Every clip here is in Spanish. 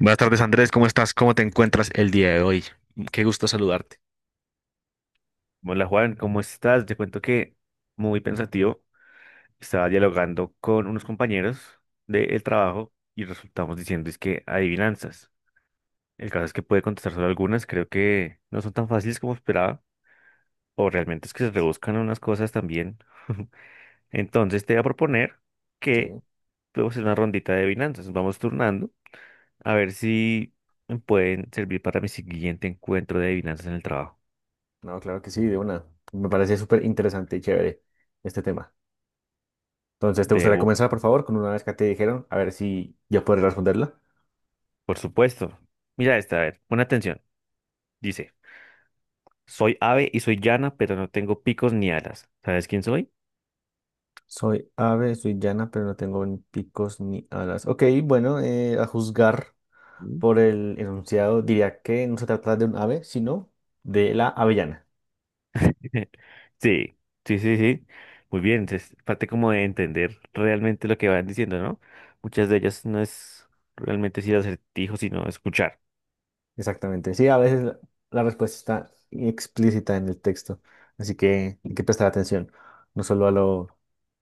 Buenas tardes, Andrés. ¿Cómo estás? ¿Cómo te encuentras el día de hoy? Qué gusto saludarte. Hola Juan, ¿cómo estás? Te cuento que muy pensativo, estaba dialogando con unos compañeros del trabajo y resultamos diciendo es que adivinanzas. El caso es que puede contestar solo algunas, creo que no son tan fáciles como esperaba, o realmente es que se Bastante. rebuscan unas cosas también. Entonces te voy a proponer que Sí, podemos hacer una rondita de adivinanzas, nos vamos turnando a ver si me pueden servir para mi siguiente encuentro de adivinanzas en el trabajo. no, claro que sí, de una. Me parece súper interesante y chévere este tema. Entonces, ¿te De, gustaría comenzar, por favor, con una vez que te dijeron? A ver si yo podré responderla. por supuesto. Mira esta, a ver, pon atención. Dice. Soy ave y soy llana, pero no tengo picos ni alas. ¿Sabes quién soy? Soy ave, soy llana, pero no tengo ni picos ni alas. Ok, bueno, a juzgar Mm. por el enunciado, diría que no se trata de un ave, sino de la avellana. Sí, sí, sí, sí. Muy bien, es parte como de entender realmente lo que van diciendo, ¿no? Muchas de ellas no es realmente decir acertijo, sino escuchar. Exactamente. Sí, a veces la respuesta está explícita en el texto, así que hay que prestar atención, no solo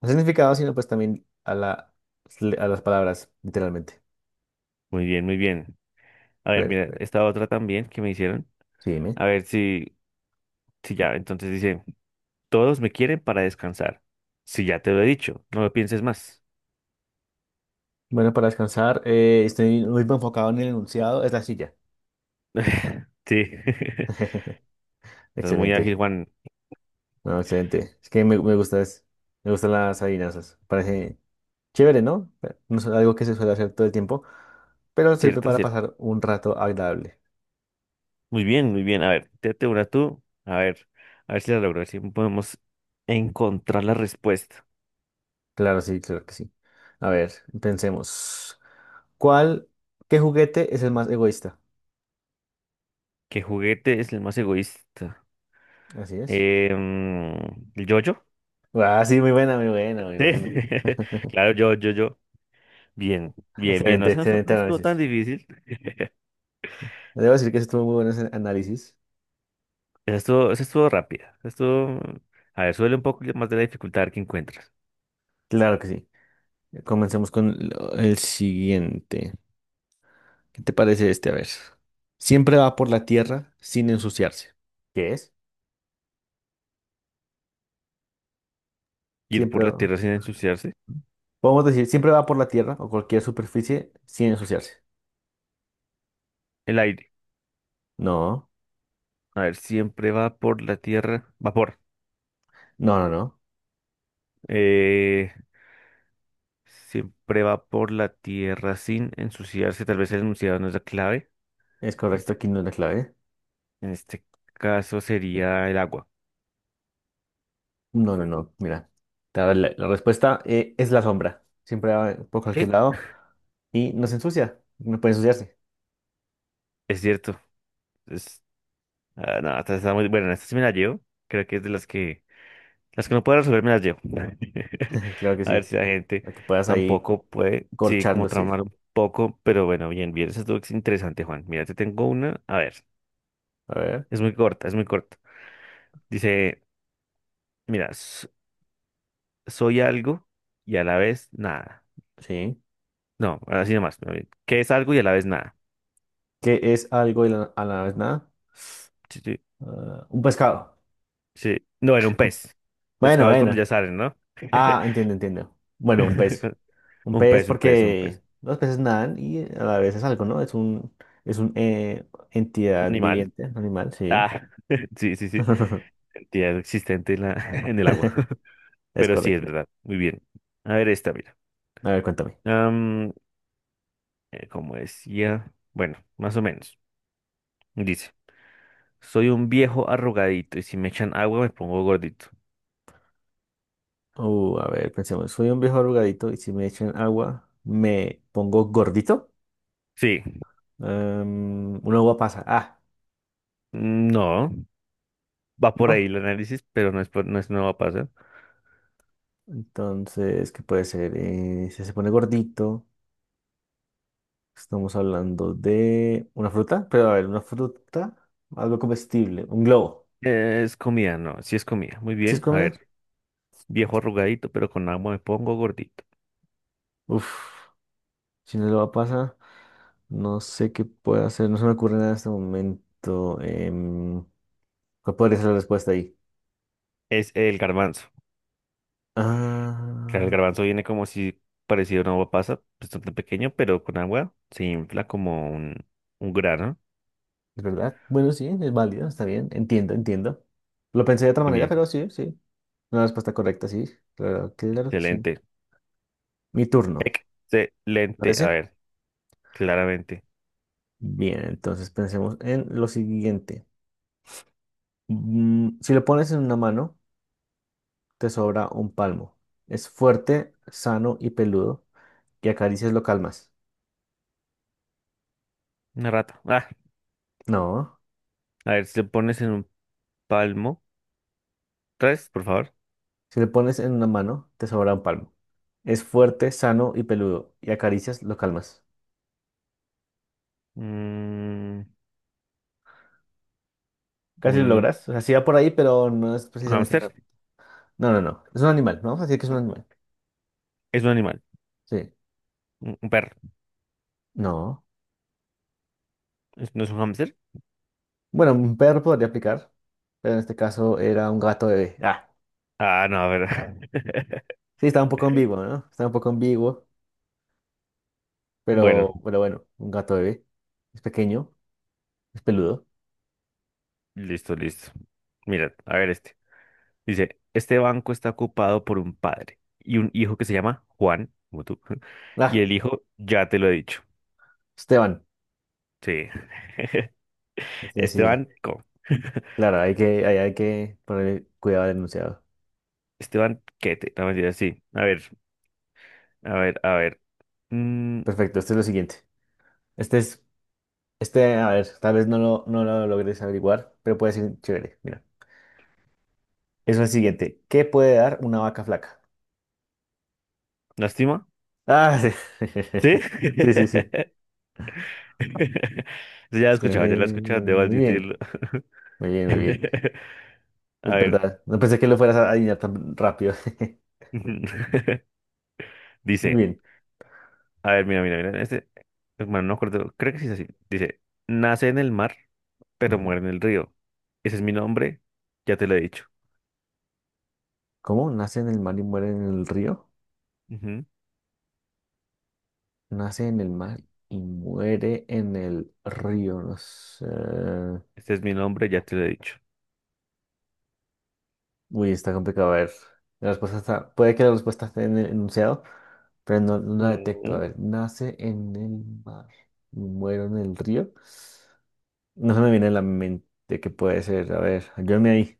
al significado, sino pues también a las palabras, literalmente. Muy bien, muy bien. A ver, mira, Perfecto. esta otra también que me hicieron. Sí, dime. A ver si, si ya, entonces dice, todos me quieren para descansar. Si ya te lo he dicho, no lo pienses más. Bueno, para descansar, estoy muy enfocado en el enunciado, es la silla. Sí. Estás muy ágil, Excelente. Juan. No, excelente. Es que me gusta, me gustan las adivinanzas. Parece chévere, ¿no? Pero no es algo que se suele hacer todo el tiempo, pero sirve ¿Cierto? para pasar un rato agradable. Muy bien, muy bien. A ver, tírate una tú. A ver si la logro, a ver si podemos encontrar la respuesta. Claro, sí, claro que sí. A ver, pensemos. ¿Cuál, ¿qué juguete es el más egoísta? ¿Qué juguete es el más egoísta? Así es. Em, ¿El yo-yo? Ah, sí, muy buena, muy buena, muy Sí, buena. claro, yo, yo, yo. Bien, bien, bien. No, Excelente, esa no, excelente no estuvo tan análisis. difícil. Debo decir que sí estuvo muy bueno ese análisis. Esa estuvo rápida. Esa estuvo... A ver, suele un poco más de la dificultad que encuentras. Claro que sí. Comencemos con el siguiente. ¿Qué te parece este? A ver. Siempre va por la tierra sin ensuciarse. ¿Qué es? Ir por Siempre la va. tierra sin ensuciarse. Podemos decir, siempre va por la tierra o cualquier superficie sin ensuciarse. El aire. No, A ver, siempre va por la tierra. Vapor. no, no, no. Eh, Siempre va por la tierra sin ensuciarse. Tal vez el enunciado no es la clave. Es correcto, Este, aquí no es la clave. en este caso sería el agua. No, no, no, mira. Te voy a dar la respuesta es la sombra. Siempre va por cualquier Sí, lado y no se ensucia. No puede ensuciarse. es cierto. Es, ah, no, esta está muy bueno. Esta sí me la llevo. Creo que es de las que no puedo resolver me las llevo. Claro que A ver sí. si la gente Para que puedas ahí tampoco puede, sí, como corcharlo, sí. tramar un poco, pero bueno, bien, bien. Eso es interesante, Juan. Mira, te tengo una. A ver, A ver, es muy corta, es muy corta. Dice, mira, soy algo y a la vez nada. sí. No, así nomás. A ver, ¿qué es algo y a la vez nada? ¿Qué es algo y a la vez nada? Sí, sí, Ah, un pescado. sí. No, era un pez. Bueno, Pescado es cuando ya bueno. salen, ¿no? Ah, entiendo, entiendo. Bueno, un pez. Un Un pez pez, un pez, un porque pez. los peces nadan y a la vez es algo, ¿no? Es un Un entidad animal. viviente, animal, sí. Ah, sí, sí, sí. Ya existente en la, en el agua. Es Pero sí, es correcto. verdad. Muy bien. A ver esta, mira. A ver, cuéntame. Am, como decía, bueno, más o menos. Dice, soy un viejo arrugadito y si me echan agua me pongo gordito. A ver, pensemos, soy un viejo arrugadito y si me echan agua, me pongo gordito. Sí, Un agua pasa. Ah, no, va por ahí ¿no? el análisis, pero no es, no es, no va a pasar. Entonces, ¿qué puede ser? Si se pone gordito, estamos hablando de una fruta, pero a ver, una fruta, algo comestible, un globo. Es comida, no, sí es comida. Muy ¿Sí es bien. A comida? ver, viejo arrugadito, pero con agua me pongo gordito. Uf, si no lo va a pasar, no sé qué puedo hacer, no se me ocurre nada en este momento. Em, ¿Cuál podría ser la respuesta ahí? Es el garbanzo. Claro, el Ah. garbanzo viene como si parecido a una uva pasa, bastante pequeño, pero con agua se infla como un grano. Es verdad. Bueno, sí, es válido, está bien. Entiendo, entiendo. Lo pensé de otra Muy manera, bien, pero sí, sí. Una respuesta correcta, sí. Claro, claro que sí. excelente. Mi turno, Excelente. A ¿parece? ver, claramente. Bien, entonces pensemos en lo siguiente. Si lo pones en una mano, te sobra un palmo. Es fuerte, sano y peludo. Y acaricias lo calmas. Una rata. Ah, No. a ver, si te pones en un palmo. Tres, por favor. Si lo pones en una mano, te sobra un palmo. Es fuerte, sano y peludo. Y acaricias lo calmas. Mm, Casi lo un logras. O sea, sí va por ahí, pero no es precisamente. hámster. No, no, no. Es un animal. Vamos a decir que es un animal. Es un animal. Sí. Un perro. No. ¿Es- ¿No es un hámster? Bueno, un perro podría aplicar, pero en este caso era un gato bebé. Ah, Ah, no, a ver. sí, estaba un poco ambiguo, ¿no? Estaba un poco ambiguo, Bueno. Pero bueno, un gato bebé. Es pequeño, es peludo. Listo, listo. Mira, a ver este. Dice, este banco está ocupado por un padre y un hijo que se llama Juan, como tú. Y Ah, el hijo, ya te lo he dicho. Esteban. Sí. Sí, sí, Este sí. banco. Claro, hay que poner cuidado al enunciado. Este banquete. No, mentira, sí. A ver, a ver, a ver. Mm, Perfecto, este es lo siguiente. Este es, a ver, tal vez no lo logres averiguar, pero puede ser chévere. Mira, es el siguiente. ¿Qué puede dar una vaca flaca? ¿lástima? Ah, sí. ¿Sí? Sí, sí, sí. Sí, ya lo he escuchado, ya lo he escuchado, debo Muy bien, admitirlo. muy bien, muy bien. A Es ver. verdad. No pensé que lo fueras a adivinar tan rápido. Muy Dice. bien. A ver, mira, mira, mira. Este, hermano, no acuerdo. Creo que sí es así. Dice, nace en el mar, pero Ujú. muere en el río. Ese es mi nombre, ya te lo he dicho. ¿Cómo nace en el mar y muere en el río? Ujú. Nace en el mar y muere en el río. No sé. Este es mi nombre, ya te lo he dicho. Uy, está complicado. A ver. La respuesta está. Puede que la respuesta esté en el enunciado, pero no, no la detecto. A Mm. ver, nace en el mar y muere en el río. No se me viene a la mente qué puede ser. A ver, ayúdame ahí.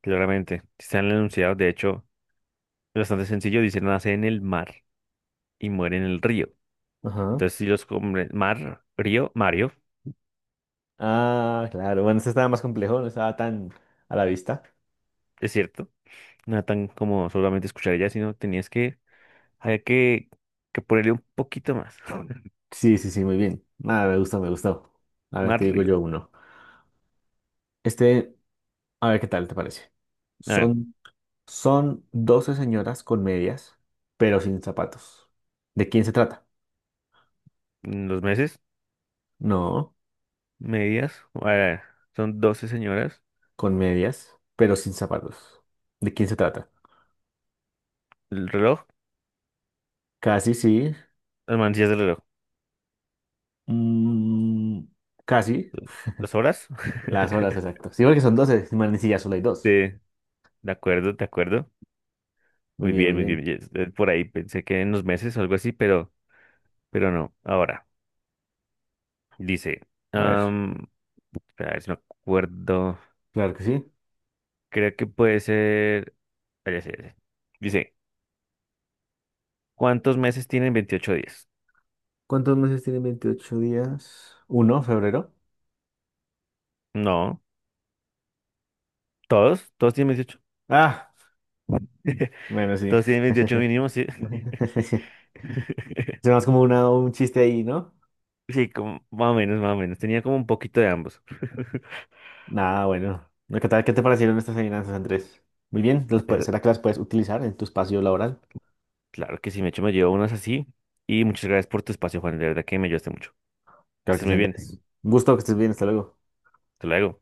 Claramente. Está en el enunciado, de hecho, es bastante sencillo. Dice, nace en el mar y muere en el río. Ajá. Entonces, si los combres, mar, río, Mario, Ah, claro. Bueno, este estaba más complejo, no estaba tan a la vista. es cierto. No era tan como solamente escuchar ella, sino tenías que, había que ponerle un poquito más. Sí, sí, sí, muy bien. Nada, me gusta, me gustó. A ver, te Mar, digo río. yo uno. Este, a ver qué tal te parece. A ver, Son, son 12 señoras con medias, pero sin zapatos. ¿De quién se trata? los meses. No, Medias. Son 12 señoras. con medias, pero sin zapatos. ¿De quién se trata? El reloj, Casi sí. las manecillas del reloj. mm, Casi. ¿Las horas? Las horas, exacto. Sí, porque son 12, man, sí, ya solo hay Sí, dos. de acuerdo, de acuerdo. Muy Muy bien, muy bien, muy bien. bien. Yes, por ahí pensé que en los meses o algo así, pero no. Ahora, dice, A ver, am, espera, a ver si me acuerdo. claro que sí. Creo que puede ser. Ah, ya sé, ya sé. Dice, ¿cuántos meses tienen 28 días? ¿Cuántos meses tienen 28 días? Uno, febrero. No, todos, todos tienen 28. Ah, bueno, sí. Todos tienen 28 mínimo, sí. Se más como un chiste ahí, ¿no? Sí, como, más o menos, más o menos. Tenía como un poquito de ambos. Nada, bueno. ¿Qué tal? ¿Qué te parecieron estas adivinanzas, Andrés? Muy bien. Pero ¿Será que las puedes utilizar en tu espacio laboral? claro que sí, me hecho me llevo unas así. Y muchas gracias por tu espacio, Juan. De verdad que me ayudaste mucho. Que Claro que estés sí, muy Andrés. bien. Un gusto que estés bien. Hasta luego. Hasta luego.